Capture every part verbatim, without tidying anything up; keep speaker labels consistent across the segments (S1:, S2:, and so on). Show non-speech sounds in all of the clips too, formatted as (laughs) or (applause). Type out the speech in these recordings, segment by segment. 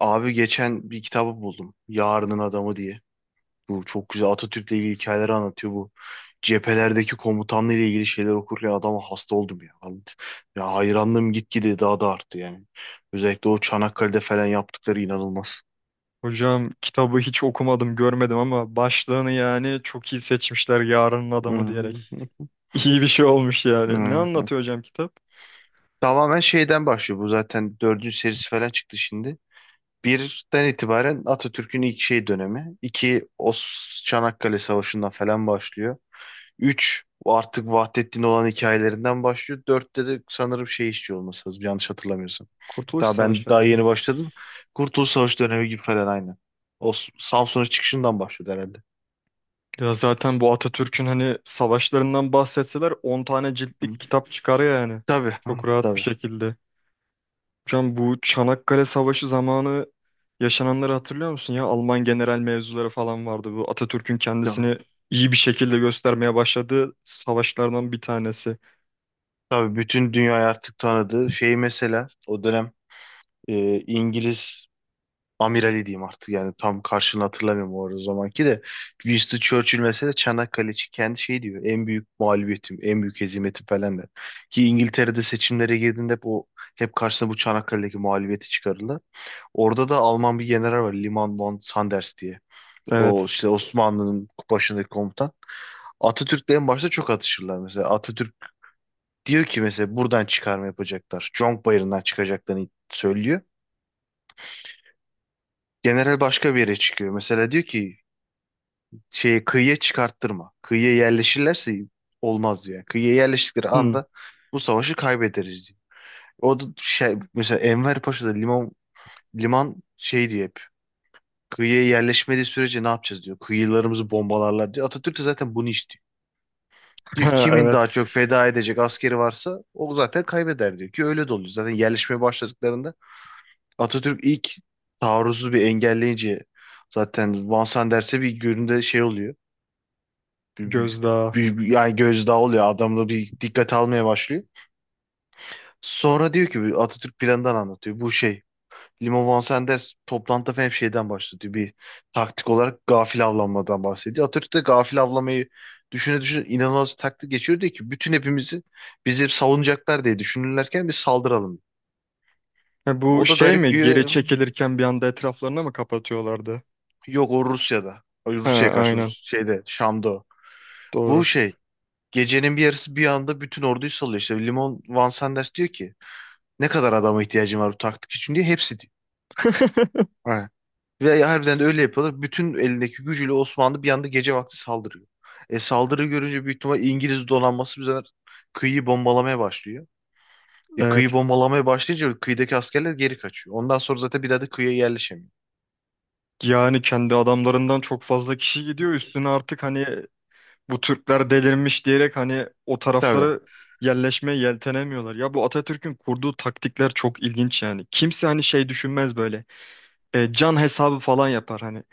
S1: Abi geçen bir kitabı buldum. Yarının Adamı diye. Bu çok güzel, Atatürk'le ilgili hikayeleri anlatıyor bu. Cephelerdeki komutanla ile ilgili şeyler okurken adama hasta oldum ya. Anlat- Ya hayranlığım gitgide daha da arttı yani. Özellikle o Çanakkale'de falan yaptıkları inanılmaz. (laughs)
S2: Hocam kitabı hiç okumadım, görmedim ama başlığını yani çok iyi seçmişler yarının adamı diyerek.
S1: Hmm.
S2: (laughs) İyi bir şey olmuş yani. Ne
S1: Hmm.
S2: anlatıyor hocam kitap?
S1: Tamamen şeyden başlıyor, bu zaten dördüncü serisi falan çıktı şimdi. Birden itibaren Atatürk'ün ilk şey dönemi. İki, o Çanakkale Savaşı'ndan falan başlıyor. Üç, artık Vahdettin olan hikayelerinden başlıyor. dörtte de sanırım şey, işçi olması lazım, yanlış hatırlamıyorsam.
S2: Kurtuluş
S1: Daha ben
S2: Savaşı
S1: daha
S2: herhalde.
S1: yeni başladım. Kurtuluş Savaşı dönemi gibi falan aynı. O S- Samsun'un çıkışından başlıyor herhalde.
S2: Ya zaten bu Atatürk'ün hani savaşlarından bahsetseler on tane
S1: Hı.
S2: ciltlik kitap çıkar yani.
S1: Tabii, hı,
S2: Çok rahat bir
S1: tabii.
S2: şekilde. Hocam bu Çanakkale Savaşı zamanı yaşananları hatırlıyor musun ya? Alman general mevzuları falan vardı. Bu Atatürk'ün
S1: Tamam.
S2: kendisini iyi bir şekilde göstermeye başladığı savaşlardan bir tanesi.
S1: Tabii bütün dünyayı artık tanıdığı şey, mesela o dönem e, İngiliz amirali diyeyim artık, yani tam karşılığını hatırlamıyorum, o arada zamanki de Winston Churchill mesela Çanakkale için kendi şey diyor, en büyük mağlubiyetim, en büyük hezimetim falan der. Ki İngiltere'de seçimlere girdiğinde hep o, hep karşısına bu Çanakkale'deki mağlubiyeti çıkarırlar. Orada da Alman bir general var, Liman von Sanders diye. O
S2: Evet.
S1: işte Osmanlı'nın başındaki komutan. Atatürk'le en başta çok atışırlar mesela. Atatürk diyor ki mesela buradan çıkarma yapacaklar. Conk Bayırı'ndan çıkacaklarını söylüyor. General başka bir yere çıkıyor. Mesela diyor ki şeye, kıyıya çıkarttırma. Kıyıya yerleşirlerse olmaz diyor. Yani kıyıya yerleştikleri
S2: Hmm.
S1: anda bu savaşı kaybederiz diyor. O da şey, mesela Enver Paşa'da liman liman şey diyor hep. Kıyıya yerleşmediği sürece ne yapacağız diyor. Kıyılarımızı bombalarlar diyor. Atatürk de zaten bunu istiyor. Diyor ki
S2: Ha,
S1: kimin
S2: evet,
S1: daha çok feda edecek askeri varsa o zaten kaybeder, diyor ki öyle de oluyor. Zaten yerleşmeye başladıklarında Atatürk ilk taarruzu bir engelleyince zaten Vansan derse bir günde şey oluyor. bir, bir-
S2: gözdağı.
S1: bir- bir- yani gözdağı oluyor. Adamda bir dikkat almaya başlıyor. Sonra diyor ki bir Atatürk planından anlatıyor. Bu şey, Limo Van Sanders toplantıda falan hep şeyden bahsediyor. Bir taktik olarak gafil avlanmadan bahsediyor. Atatürk de gafil avlamayı düşüne düşüne inanılmaz bir taktik geçiyor. Diyor ki bütün hepimizi, bizi savunacaklar diye düşünürlerken bir saldıralım.
S2: Ha, bu
S1: O da
S2: şey
S1: garip
S2: mi? Geri
S1: diyor.
S2: çekilirken bir anda etraflarına mı kapatıyorlardı?
S1: Yok, o Rusya'da. Ay,
S2: Ha,
S1: Rusya'ya karşı
S2: aynen.
S1: Rus şeyde, Şam'da. O. Bu
S2: Doğru.
S1: şey, gecenin bir yarısı bir anda bütün orduyu salıyor. İşte Limon Van Sanders diyor ki ne kadar adama ihtiyacın var bu taktik için diye, hepsi diyor.
S2: (laughs)
S1: Ha. Ve harbiden de öyle yapıyorlar. Bütün elindeki gücüyle Osmanlı bir anda gece vakti saldırıyor. E, saldırı görünce büyük ihtimal İngiliz donanması bu sefer kıyıyı bombalamaya başlıyor. E, kıyı
S2: Evet.
S1: bombalamaya başlayınca kıyıdaki askerler geri kaçıyor. Ondan sonra zaten bir daha da kıyıya yerleşemiyor.
S2: Yani kendi adamlarından çok fazla kişi
S1: Hı.
S2: gidiyor. Üstüne artık hani bu Türkler delirmiş diyerek hani o
S1: Tabii.
S2: taraflara yerleşmeye yeltenemiyorlar. Ya bu Atatürk'ün kurduğu taktikler çok ilginç yani. Kimse hani şey düşünmez böyle. E, can hesabı falan yapar hani.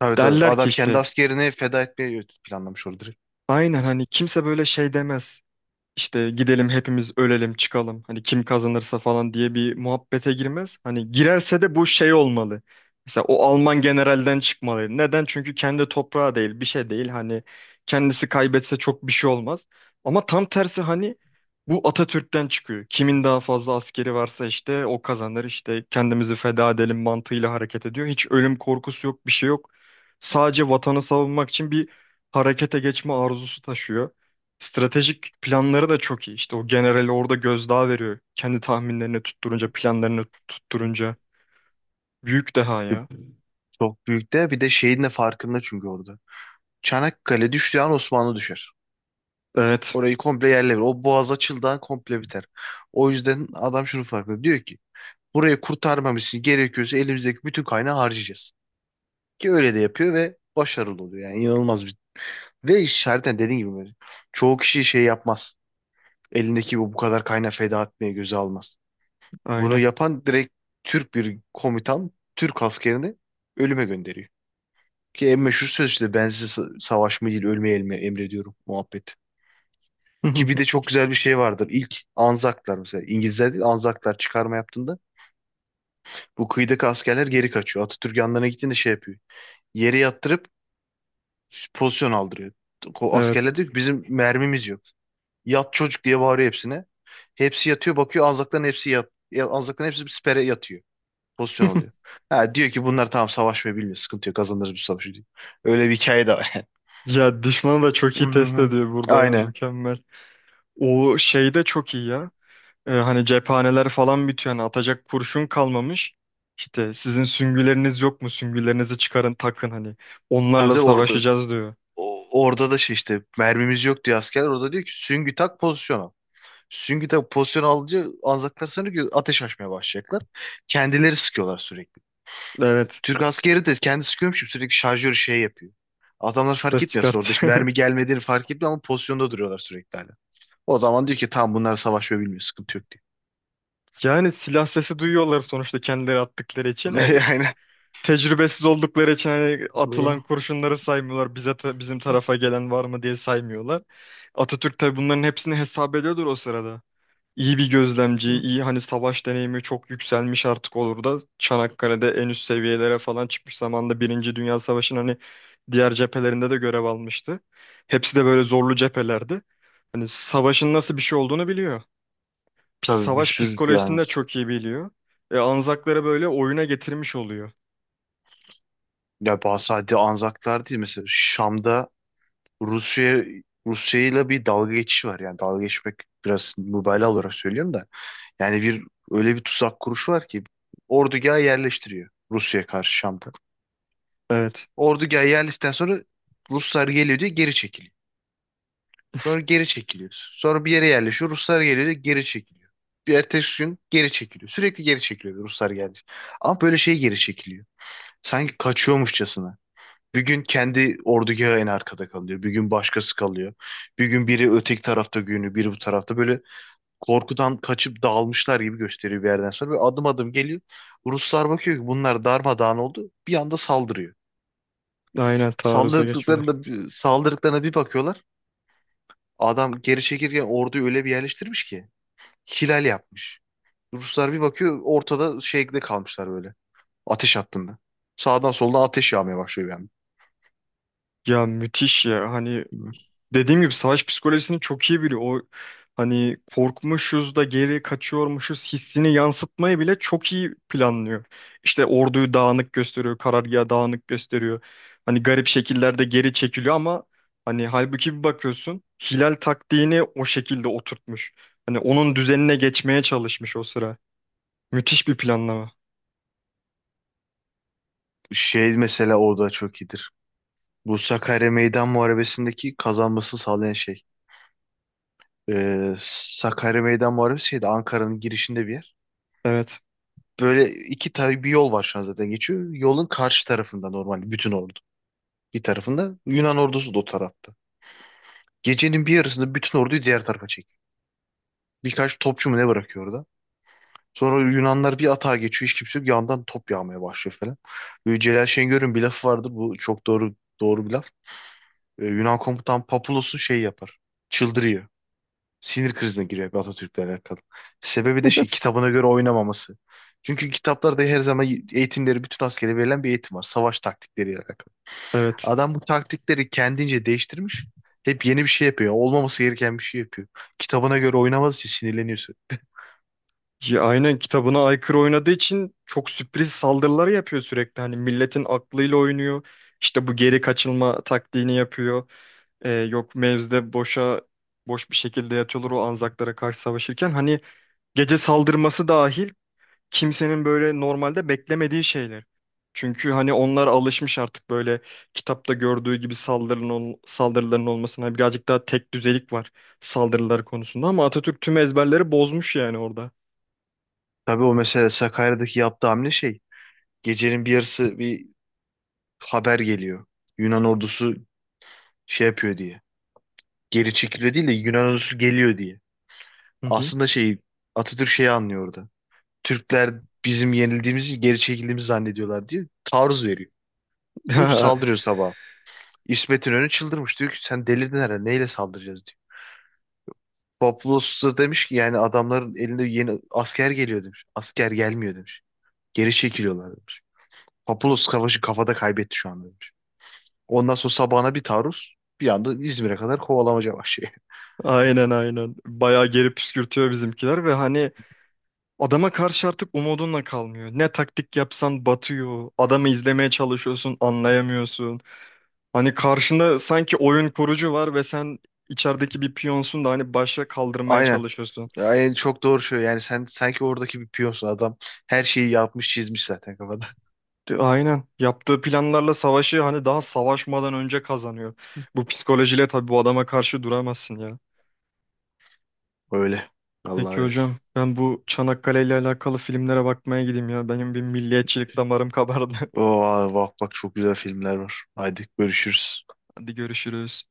S1: Tabii, tabii.
S2: Derler ki
S1: Adam kendi
S2: işte
S1: askerini feda etmeyi planlamış orada, direkt.
S2: aynen hani kimse böyle şey demez. İşte gidelim hepimiz ölelim çıkalım hani kim kazanırsa falan diye bir muhabbete girmez. Hani girerse de bu şey olmalı. Mesela o Alman generalden çıkmalı. Neden? Çünkü kendi toprağı değil, bir şey değil. Hani kendisi kaybetse çok bir şey olmaz. Ama tam tersi hani bu Atatürk'ten çıkıyor. Kimin daha fazla askeri varsa işte o kazanır. İşte kendimizi feda edelim mantığıyla hareket ediyor. Hiç ölüm korkusu yok, bir şey yok. Sadece vatanı savunmak için bir harekete geçme arzusu taşıyor. Stratejik planları da çok iyi. İşte o generali orada gözdağı veriyor. Kendi tahminlerini tutturunca, planlarını
S1: Hı.
S2: tutturunca. Büyük deha
S1: E,
S2: ya.
S1: Çok büyük de bir de şeyin de farkında çünkü orada. Çanakkale düştüğü an Osmanlı düşer.
S2: Evet,
S1: Orayı komple yerle verir. O boğaz açıldığı an komple biter. O yüzden adam şunu farkında. Diyor ki burayı kurtarmamız için gerekiyorsa elimizdeki bütün kaynağı harcayacağız. Ki öyle de yapıyor ve başarılı oluyor. Yani inanılmaz bir. Ve işareten dediğin gibi böyle. Çoğu kişi şey yapmaz. Elindeki bu, bu kadar kaynağı feda etmeye göze almaz. Bunu
S2: aynı.
S1: yapan direkt Türk bir komutan Türk askerini ölüme gönderiyor. Ki en meşhur söz işte, ben size sa- savaşmayı değil ölmeyi elme- emrediyorum muhabbeti. Ki bir de
S2: (laughs)
S1: çok güzel bir şey vardır. İlk Anzaklar mesela. İngilizler değil, Anzaklar çıkarma yaptığında bu kıyıdaki askerler geri kaçıyor. Atatürk yanlarına gittiğinde şey yapıyor. Yere yattırıp pozisyon aldırıyor. O
S2: Evet.
S1: askerler diyor ki bizim mermimiz yok. Yat çocuk diye bağırıyor hepsine. Hepsi yatıyor, bakıyor Anzakların hepsi yat. ya- Anzakların hepsi bir sipere yatıyor. Pozisyon oluyor.
S2: (laughs)
S1: Ha, diyor ki bunlar tamam savaşmayı bilmiyor. Sıkıntı yok, kazanırız bu savaşı diyor. Öyle bir hikaye de var. (laughs)
S2: Ya düşmanı da çok
S1: Hı
S2: iyi
S1: hı
S2: test
S1: hı.
S2: ediyor burada ya
S1: Aynen.
S2: mükemmel. O şey de çok iyi ya. Ee, hani cephaneler falan bitiyor. Hani atacak kurşun kalmamış. İşte sizin süngüleriniz yok mu? Süngülerinizi çıkarın takın hani.
S1: Tabii,
S2: Onlarla
S1: tabii orada,
S2: savaşacağız diyor.
S1: O, orada da şey, işte mermimiz yok diyor askerler. Orada diyor ki süngü tak, pozisyon al. Süngü tak pozisyon alınca Anzaklar sanıyor ki ateş açmaya başlayacaklar. Kendileri sıkıyorlar sürekli.
S2: Evet.
S1: Türk askeri de kendi sıkıyormuş gibi sürekli şarjör şey yapıyor. Adamlar fark
S2: Ses
S1: etmiyor aslında, orada hiç
S2: çıkartıyor.
S1: mermi
S2: (laughs)
S1: gelmediğini fark etmiyor ama pozisyonda duruyorlar sürekli hala. O zaman diyor ki tamam, bunlar savaşıyor bilmiyor, sıkıntı yok
S2: Yani silah sesi duyuyorlar sonuçta kendileri attıkları için. E,
S1: diyor. (laughs) Aynen.
S2: tecrübesiz oldukları için hani
S1: Hı.
S2: atılan kurşunları saymıyorlar. Bize ta- bizim tarafa gelen var mı diye saymıyorlar. Atatürk tabii bunların hepsini hesap ediyordur o sırada. İyi bir gözlemci, iyi hani savaş deneyimi çok yükselmiş artık olur da Çanakkale'de en üst seviyelere falan çıkmış zamanda Birinci Dünya Savaşı'nın hani diğer cephelerinde de görev almıştı. Hepsi de böyle zorlu cephelerdi. Hani savaşın nasıl bir şey olduğunu biliyor pis-
S1: Tabii, bir
S2: savaş
S1: sürü yani.
S2: psikolojisini de çok iyi biliyor. E, Anzakları böyle oyuna getirmiş oluyor.
S1: Ya bazı, sadece Anzaklar değil, mesela Şam'da Rusya Rusya ile bir dalga geçişi var. Yani dalga geçmek biraz mübalağa olarak söylüyorum da. Yani bir, öyle bir tuzak kuruşu var ki ordugaha yerleştiriyor Rusya'ya karşı Şam'da.
S2: Evet.
S1: Ordugaha yerleştikten sonra Ruslar geliyor diye geri çekiliyor. Sonra geri çekiliyor. Sonra bir yere yerleşiyor. Ruslar geliyor diye geri çekiliyor. Bir ertesi gün geri çekiliyor. Sürekli geri çekiliyor, Ruslar geldi. Ama böyle şey geri çekiliyor. Sanki kaçıyormuşçasına. Bir gün kendi ordugahı en arkada kalıyor. Bir gün başkası kalıyor. Bir gün biri öteki tarafta günü, biri bu tarafta. Böyle korkudan kaçıp dağılmışlar gibi gösteriyor bir yerden sonra. Böyle adım adım geliyor. Ruslar bakıyor ki bunlar darmadağın oldu. Bir anda saldırıyor.
S2: Aynen taarruza geçmeler.
S1: Saldırdıklarında, saldırdıklarına bir bakıyorlar. Adam geri çekirken orduyu öyle bir yerleştirmiş ki. Hilal yapmış. Ruslar bir bakıyor ortada şeyde kalmışlar böyle. Ateş hattında. Sağdan soldan ateş yağmaya başlıyor yani.
S2: Ya müthiş ya. Hani dediğim gibi savaş psikolojisini çok iyi biliyor. O hani korkmuşuz da geri kaçıyormuşuz hissini yansıtmayı bile çok iyi planlıyor. İşte orduyu dağınık gösteriyor, karargahı dağınık gösteriyor. Hani garip şekillerde geri çekiliyor ama hani halbuki bir bakıyorsun Hilal taktiğini o şekilde oturtmuş. Hani onun düzenine geçmeye çalışmış o sıra. Müthiş bir planlama.
S1: Şey mesela orada çok iyidir. Bu Sakarya Meydan Muharebesi'ndeki kazanmasını sağlayan şey. Ee, Sakarya Meydan Muharebesi şeydi, Ankara'nın girişinde bir yer.
S2: Evet.
S1: Böyle iki tane bir yol var şu an zaten geçiyor. Yolun karşı tarafında normal bütün ordu. Bir tarafında Yunan ordusu da o tarafta. Gecenin bir yarısında bütün orduyu diğer tarafa çekiyor. Birkaç topçu mu ne bırakıyor orada. Sonra Yunanlar bir atağa geçiyor, hiç kimse yok. Yandan top yağmaya başlıyor falan. Böyle Celal Şengör'ün bir lafı vardı. Bu çok doğru, doğru bir laf. Ee, Yunan komutan Papulos'u şey yapar. Çıldırıyor. Sinir krizine giriyor bir, Atatürk'le alakalı. Sebebi de şey, kitabına göre oynamaması. Çünkü kitaplarda her zaman eğitimleri, bütün askere verilen bir eğitim var, savaş taktikleriyle alakalı.
S2: Evet.
S1: Adam bu taktikleri kendince değiştirmiş. Hep yeni bir şey yapıyor. Olmaması gereken bir şey yapıyor. Kitabına göre oynamadığı için sinirleniyorsun.
S2: Ya, aynen kitabına aykırı oynadığı için çok sürpriz saldırılar yapıyor sürekli. Hani milletin aklıyla oynuyor. İşte bu geri kaçılma taktiğini yapıyor. Ee, yok mevzide boşa boş bir şekilde yatıyorlar o Anzaklara karşı savaşırken. Hani gece saldırması dahil kimsenin böyle normalde beklemediği şeyler. Çünkü hani onlar alışmış artık böyle kitapta gördüğü gibi saldırının, ol- saldırıların olmasına. Hani, birazcık daha tek düzelik var saldırılar konusunda ama Atatürk tüm ezberleri bozmuş yani orada.
S1: Tabii o mesela Sakarya'daki yaptığı hamle şey. Gecenin bir yarısı bir haber geliyor. Yunan ordusu şey yapıyor diye. Geri çekiliyor değil de, Yunan ordusu geliyor diye.
S2: Hı hı.
S1: Aslında şey, Atatürk şeyi anlıyordu. Türkler bizim yenildiğimizi, geri çekildiğimizi zannediyorlar diyor. Taarruz veriyor. Diyor ki
S2: (laughs)
S1: saldırıyor sabah. İsmet İnönü çıldırmış. Diyor ki sen delirdin herhalde. Neyle saldıracağız diyor. Papulos da demiş ki yani adamların elinde yeni asker geliyor demiş. Asker gelmiyor demiş. Geri çekiliyorlar demiş. Papulos savaşı kafada kaybetti şu anda demiş. Ondan sonra sabahına bir taarruz, bir anda İzmir'e kadar kovalamaca başlıyor.
S2: Aynen, aynen. Bayağı geri püskürtüyor bizimkiler ve hani
S1: (laughs)
S2: adama karşı artık umudunla kalmıyor. Ne taktik yapsan batıyor. Adamı izlemeye çalışıyorsun, anlayamıyorsun. Hani karşında sanki oyun kurucu var ve sen içerideki bir piyonsun da hani başa kaldırmaya
S1: Aynen.
S2: çalışıyorsun.
S1: Ya en çok doğru şey yani, sen sanki oradaki bir piyonsun, adam her şeyi yapmış çizmiş zaten kafada.
S2: De- Aynen. Yaptığı planlarla savaşı hani daha savaşmadan önce kazanıyor. Bu psikolojiyle tabii bu adama karşı duramazsın ya.
S1: (laughs) Öyle.
S2: Peki
S1: Vallahi öyle.
S2: hocam ben bu Çanakkale ile alakalı filmlere bakmaya gideyim ya. Benim bir milliyetçilik damarım kabardı.
S1: Oo, bak bak, çok güzel filmler var. Haydi görüşürüz.
S2: (laughs) Hadi görüşürüz.